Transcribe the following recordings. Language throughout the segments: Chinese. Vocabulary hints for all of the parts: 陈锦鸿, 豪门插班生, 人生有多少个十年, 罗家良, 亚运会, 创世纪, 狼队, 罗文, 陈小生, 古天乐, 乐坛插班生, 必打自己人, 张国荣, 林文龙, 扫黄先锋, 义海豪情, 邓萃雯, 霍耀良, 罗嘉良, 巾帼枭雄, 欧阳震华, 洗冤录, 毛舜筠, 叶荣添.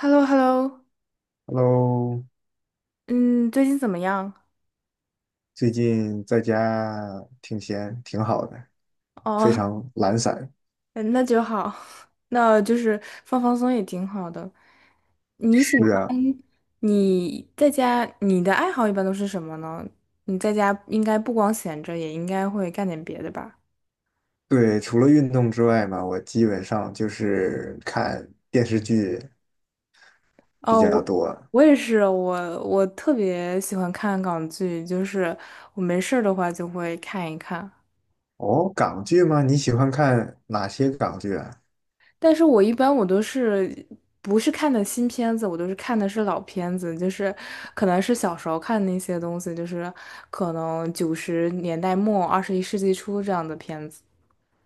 h e l l o h e l l o Hello，嗯，最近怎么样？最近在家挺闲，挺好的，非哦，常懒散。嗯那就好，那就是放放松也挺好的。你喜是啊，欢你在家，你的爱好一般都是什么呢？你在家应该不光闲着，也应该会干点别的吧？对，除了运动之外嘛，我基本上就是看电视剧比哦，较我多。我也是，我特别喜欢看港剧，就是我没事儿的话就会看一看。哦，港剧吗？你喜欢看哪些港剧啊？但是我一般我都是不是看的新片子，我都是看的是老片子，就是可能是小时候看那些东西，就是可能九十年代末、二十一世纪初这样的片子。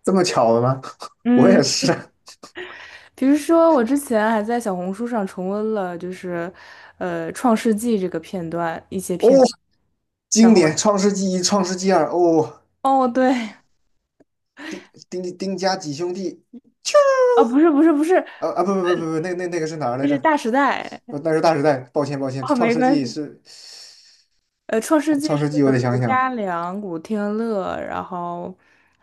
这么巧的吗？我嗯，也是啊。比如说我之前还在小红书上重温了，就是《创世纪》这个片段一些哦，片段，然经后典《创世纪一》《创世纪二》哦，哦对，丁丁家几兄弟。啊不是不是不是，啊啊，不不不不不，那个是哪儿这来着？是《大时代》。那是大时代，抱歉抱歉，哦，没关系。《创世纪》创是世纪我得罗想想。嘉良、古天乐，然后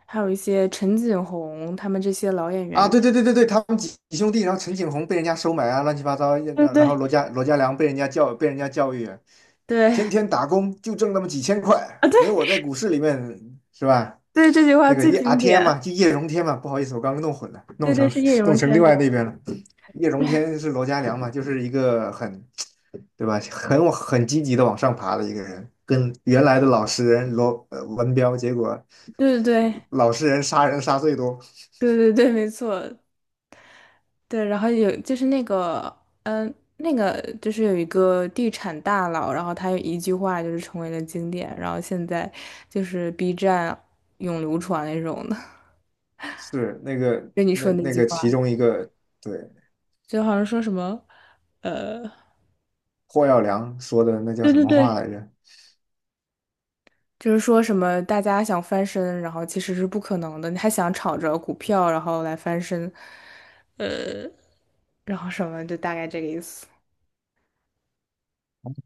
还有一些陈锦鸿他们这些老演员啊，演。对对对对对，他们几兄弟，然后陈景洪被人家收买啊，乱七八糟，然对然后对罗家良被人家教育，对天啊，天打工就挣那么几千块，没对我在股市里面是吧？对，这句话那个最叶阿经天嘛，典。就叶荣添嘛，不好意思，我刚刚弄混了，对对，是叶 弄荣成添另外的。那边了。叶荣添是罗家良嘛，就是一个对吧，很积极的往上爬的一个人，跟原来的老实人罗文彪，结果对对老实人杀人杀最多。对对对对，没错。对，然后有就是那个，那个就是有一个地产大佬，然后他有一句话就是成为了经典，然后现在就是 B 站永流传那种的，是那个 跟你那说那那句个话，其中一个。对，就好像说什么，呃。霍耀良说的那叫对什对么话对，来着？就是说什么大家想翻身，然后其实是不可能的，你还想炒着股票然后来翻身，呃，然后什么就大概这个意思。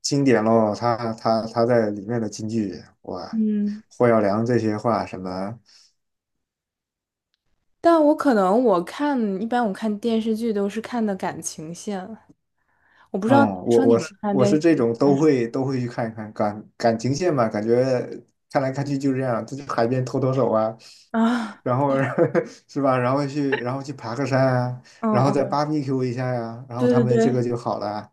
经典喽，他在里面的金句，哇，嗯，霍耀良这些话什么。但我可能我看一般我看电视剧都是看的感情线，我不知道男嗯，我生你我们是看我电视是这剧都种看都什会都会去看一看感情线嘛，感觉看来看去就这样，就去海边拖拖手啊，么啊？然后 是吧，然后去爬个山啊，嗯然后再 b 嗯，a r b e 一下呀、然后对他对们这个对，就好了啊。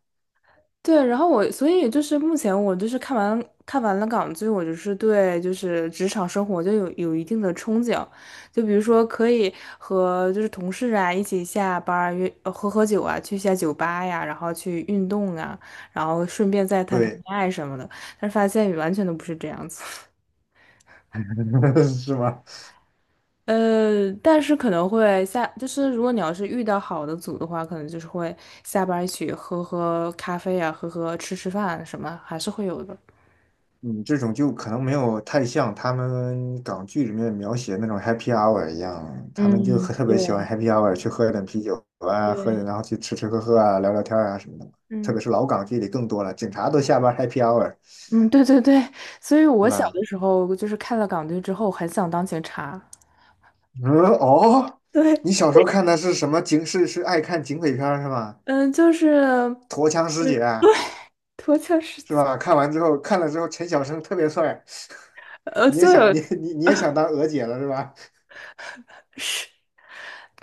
对，然后我，所以就是目前我就是看完了港剧，我就是对就是职场生活就有一定的憧憬，就比如说可以和就是同事啊一起下班儿约喝喝酒啊，去一下酒吧呀，然后去运动啊，然后顺便再谈谈对，恋爱什么的，但是发现完全都不是这样子。是吗？但是可能会下，就是如果你要是遇到好的组的话，可能就是会下班儿一起喝喝咖啡啊，喝喝吃吃饭什么，还是会有的。嗯，这种就可能没有太像他们港剧里面描写那种 happy hour 一样，他们就嗯，很特别喜欢 对 happy hour 去喝点啤酒啊，喝点对，然后去吃吃喝喝啊，聊聊天啊什么的。特嗯别是老港剧里更多了，警察都下班 happy hour,嗯，对对对，所以我对小吧？的时候就是看了港剧之后，很想当警察。嗯。哦，对，你小时候看的是什么警？是爱看警匪片儿是吧？嗯，就是陀枪师姐嗯，啊，脱壳是，是吧？看了之后，陈小生特别帅，你也就想是你你你也想当娥姐了是吧？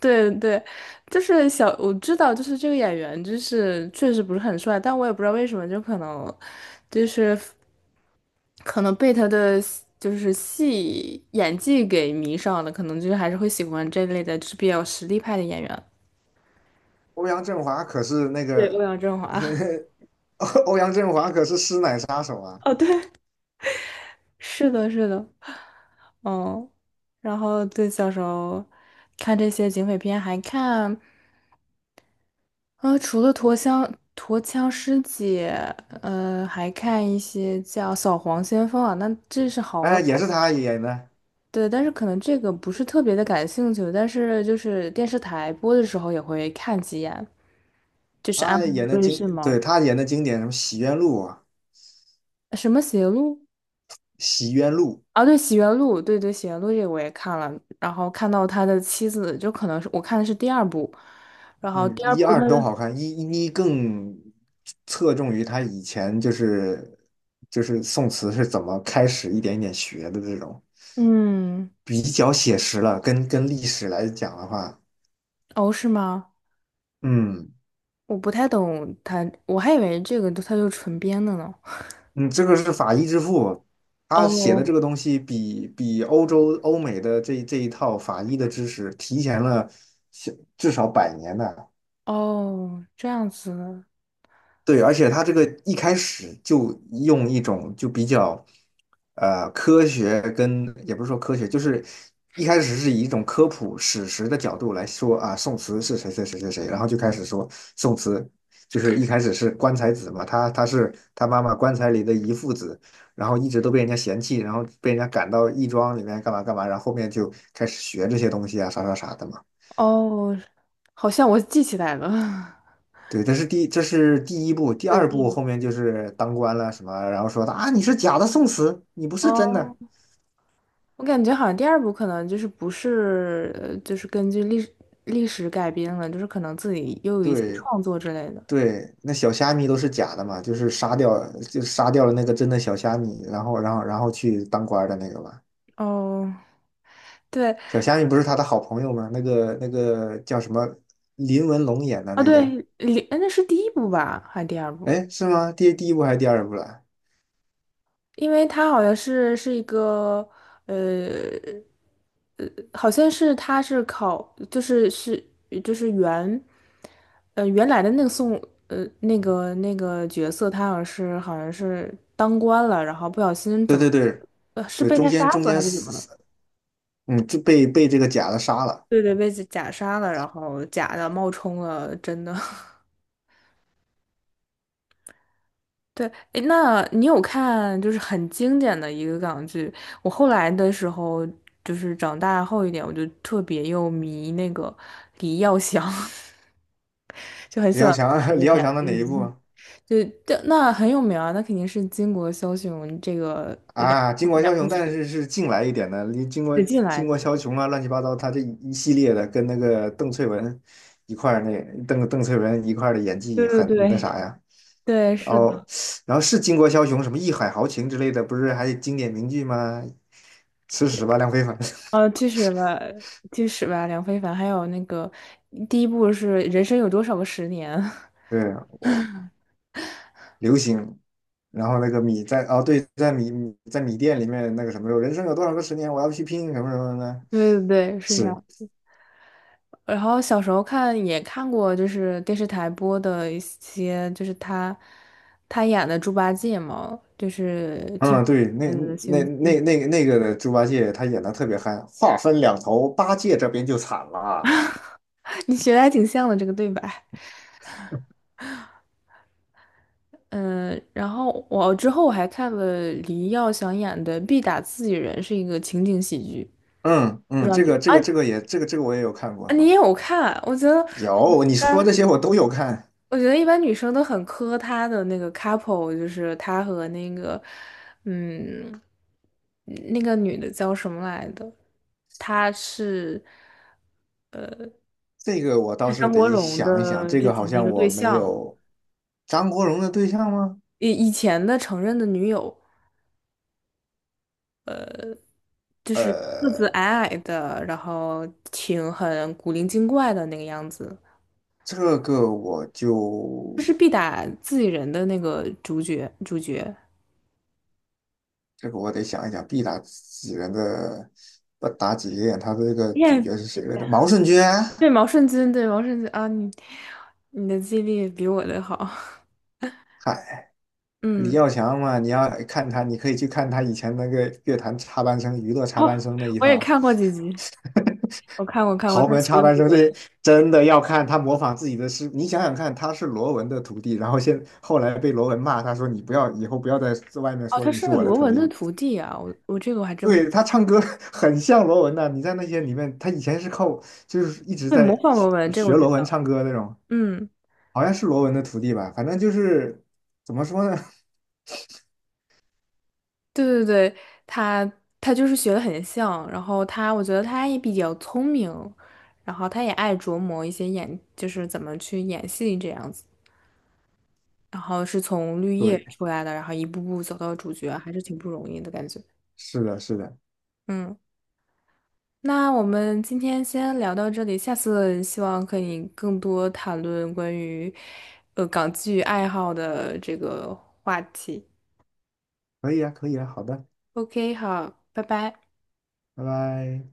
对对，就是小，我知道，就是这个演员，就是确实不是很帅，但我也不知道为什么，就可能就是可能被他的就是戏演技给迷上了，可能就是还是会喜欢这类的，就是比较实力派的演员。欧阳震华可是那对，欧个 阳震华。欧阳震华可是师奶杀手啊！哦，对，是的，是的，嗯，然后对，小时候看这些警匪片，还看，除了陀枪师姐，还看一些叫《扫黄先锋》啊，那这是好老，哎，也是他演的，对，但是可能这个不是特别的感兴趣，但是就是电视台播的时候也会看几眼。他演的所以经，是吗？对，他演的经典什么《洗冤录》啊，什么邪路？《洗冤录》。啊，对《洗冤录》，对对，《洗冤录》这个我也看了，然后看到他的妻子，就可能是我看的是第二部，然后嗯，第二一部他二都是，好看，一更侧重于他以前就是宋词是怎么开始一点一点学的这种，嗯，比较写实了，跟历史来讲的话，哦，是吗？嗯。我不太懂他，我还以为这个他就纯编的呢。嗯，这个是法医之父，他写的哦这个东西比欧美的这一套法医的知识提前了小至少100年呢。哦，这样子，对，而且他这个一开始就用一种就比较，科学跟也不是说科学，就是一开始是以一种科普史实的角度来说啊，宋慈是谁谁谁谁谁，然后就开始说宋慈就是一开始是棺材子嘛，他是他妈妈棺材里的遗腹子，然后一直都被人家嫌弃，然后被人家赶到义庄里面干嘛干嘛，然后后面就开始学这些东西啊，啥啥啥的嘛。哦，好像我记起来了，对，这是第一部，第对，二第一部部。后面就是当官了什么，然后说啊你是假的宋慈，你不是真哦，的。我感觉好像第二部可能就是不是，就是根据历史改编了，就是可能自己又有一些对创作之类的。对，那小虾米都是假的嘛，就是杀掉就杀掉了那个真的小虾米，然后去当官的那个嘛。哦，对小虾米不是他的好朋友吗？那个叫什么林文龙演的啊，那个，对，里哎那是第一部吧，还是第二部？哎是吗？第一部还是第二部了？因为他好像是一个呃呃，好像是他是考就是是就是原原来的那个宋那个那个角色，他好像是当官了，然后不小心对怎么对对是对，被中他间杀中死还间是怎么死了？死，嗯就被这个假的杀了。对对，被假杀了，然后假的冒充了真的。对，诶那你有看就是很经典的一个港剧？我后来的时候，就是长大后一点，我就特别又迷那个李耀祥，就很李喜欢耀看他祥 李的耀演祥的哪一部技。啊？就那很有名啊，那肯定是巾帼枭雄这个梁啊，巾帼枭梁雄，但子是近来一点的，你巾帼引进来巾帼的。枭雄啊，乱七八糟，他这一系列的跟那个邓萃雯一块儿那邓萃雯一块儿的演技对对很那对啥呀，对，然是的。后然后是巾帼枭雄，什么义海豪情之类的，不是还有经典名句吗？吃屎吧，梁非凡。呃，其实吧，其实吧,梁非凡，还有那个第一部是《人生有多少个十年》。对，我流行，然后那个米在哦，对，在米店里面那个什么时候，人生有多少个10年，我要去拼什么什么的，对对对，是这是。样。然后小时候看也看过，就是电视台播的一些，就是他演的猪八戒嘛，就是 TV 嗯，对，那拍的《西游那记》，那那那个的猪八戒他演的特别嗨，话分两头，八戒这边就惨了。你学的还挺像的这个对白。嗯，然后我之后我还看了黎耀祥演的《必打自己人》，是一个情景喜剧，嗯不知嗯，道这你个这啊个这个也这个我也有看啊过，你也有看？我觉得。有你说这些我都有看，我觉得一般女生都很磕他的那个 couple,就是他和那个，嗯，那个女的叫什么来的？她是这个我倒是是张国得荣想一想，的这之个好前的一像个对我没象，有。张国荣的对象吗？以前的承认的女友，就是个子呃，矮矮的，然后挺很古灵精怪的那个样子，这个我就就是必打自己人的那个主角。这个我得想一想，必打几人的不打几个眼，他的这个主耶，角是谁来着？毛舜筠，对毛舜筠，对毛舜筠啊，你的记忆力比我的好。嗨，李嗯，耀祥嘛，你要看他，你可以去看他以前那个乐坛插班生、娱乐插班哦，生那一我也套，看过几集，我看过 看过，豪他门插学班罗生这些文，真的要看他模仿自己的师傅。你想想看，他是罗文的徒弟，然后后来被罗文骂，他说你不要以后不要在外面哦，说他你是是我的罗徒文的弟。徒弟啊，我这个我还真不，对，他唱歌 很像罗文的，你在那些里面，他以前是就是一直对，在模仿学罗文这个学我知罗文道，唱歌那种，嗯，好像是罗文的徒弟吧，反正就是怎么说呢？对对对，他他就是学的很像，然后他我觉得他也比较聪明，然后他也爱琢磨一些演，就是怎么去演戏这样子，然后是从绿 叶对，出来的，然后一步步走到主角，还是挺不容易的感觉，是的，是的，嗯。那我们今天先聊到这里，下次希望可以更多谈论关于港剧爱好的这个话题。可以啊，可以啊，好的。OK,好，拜拜。拜拜。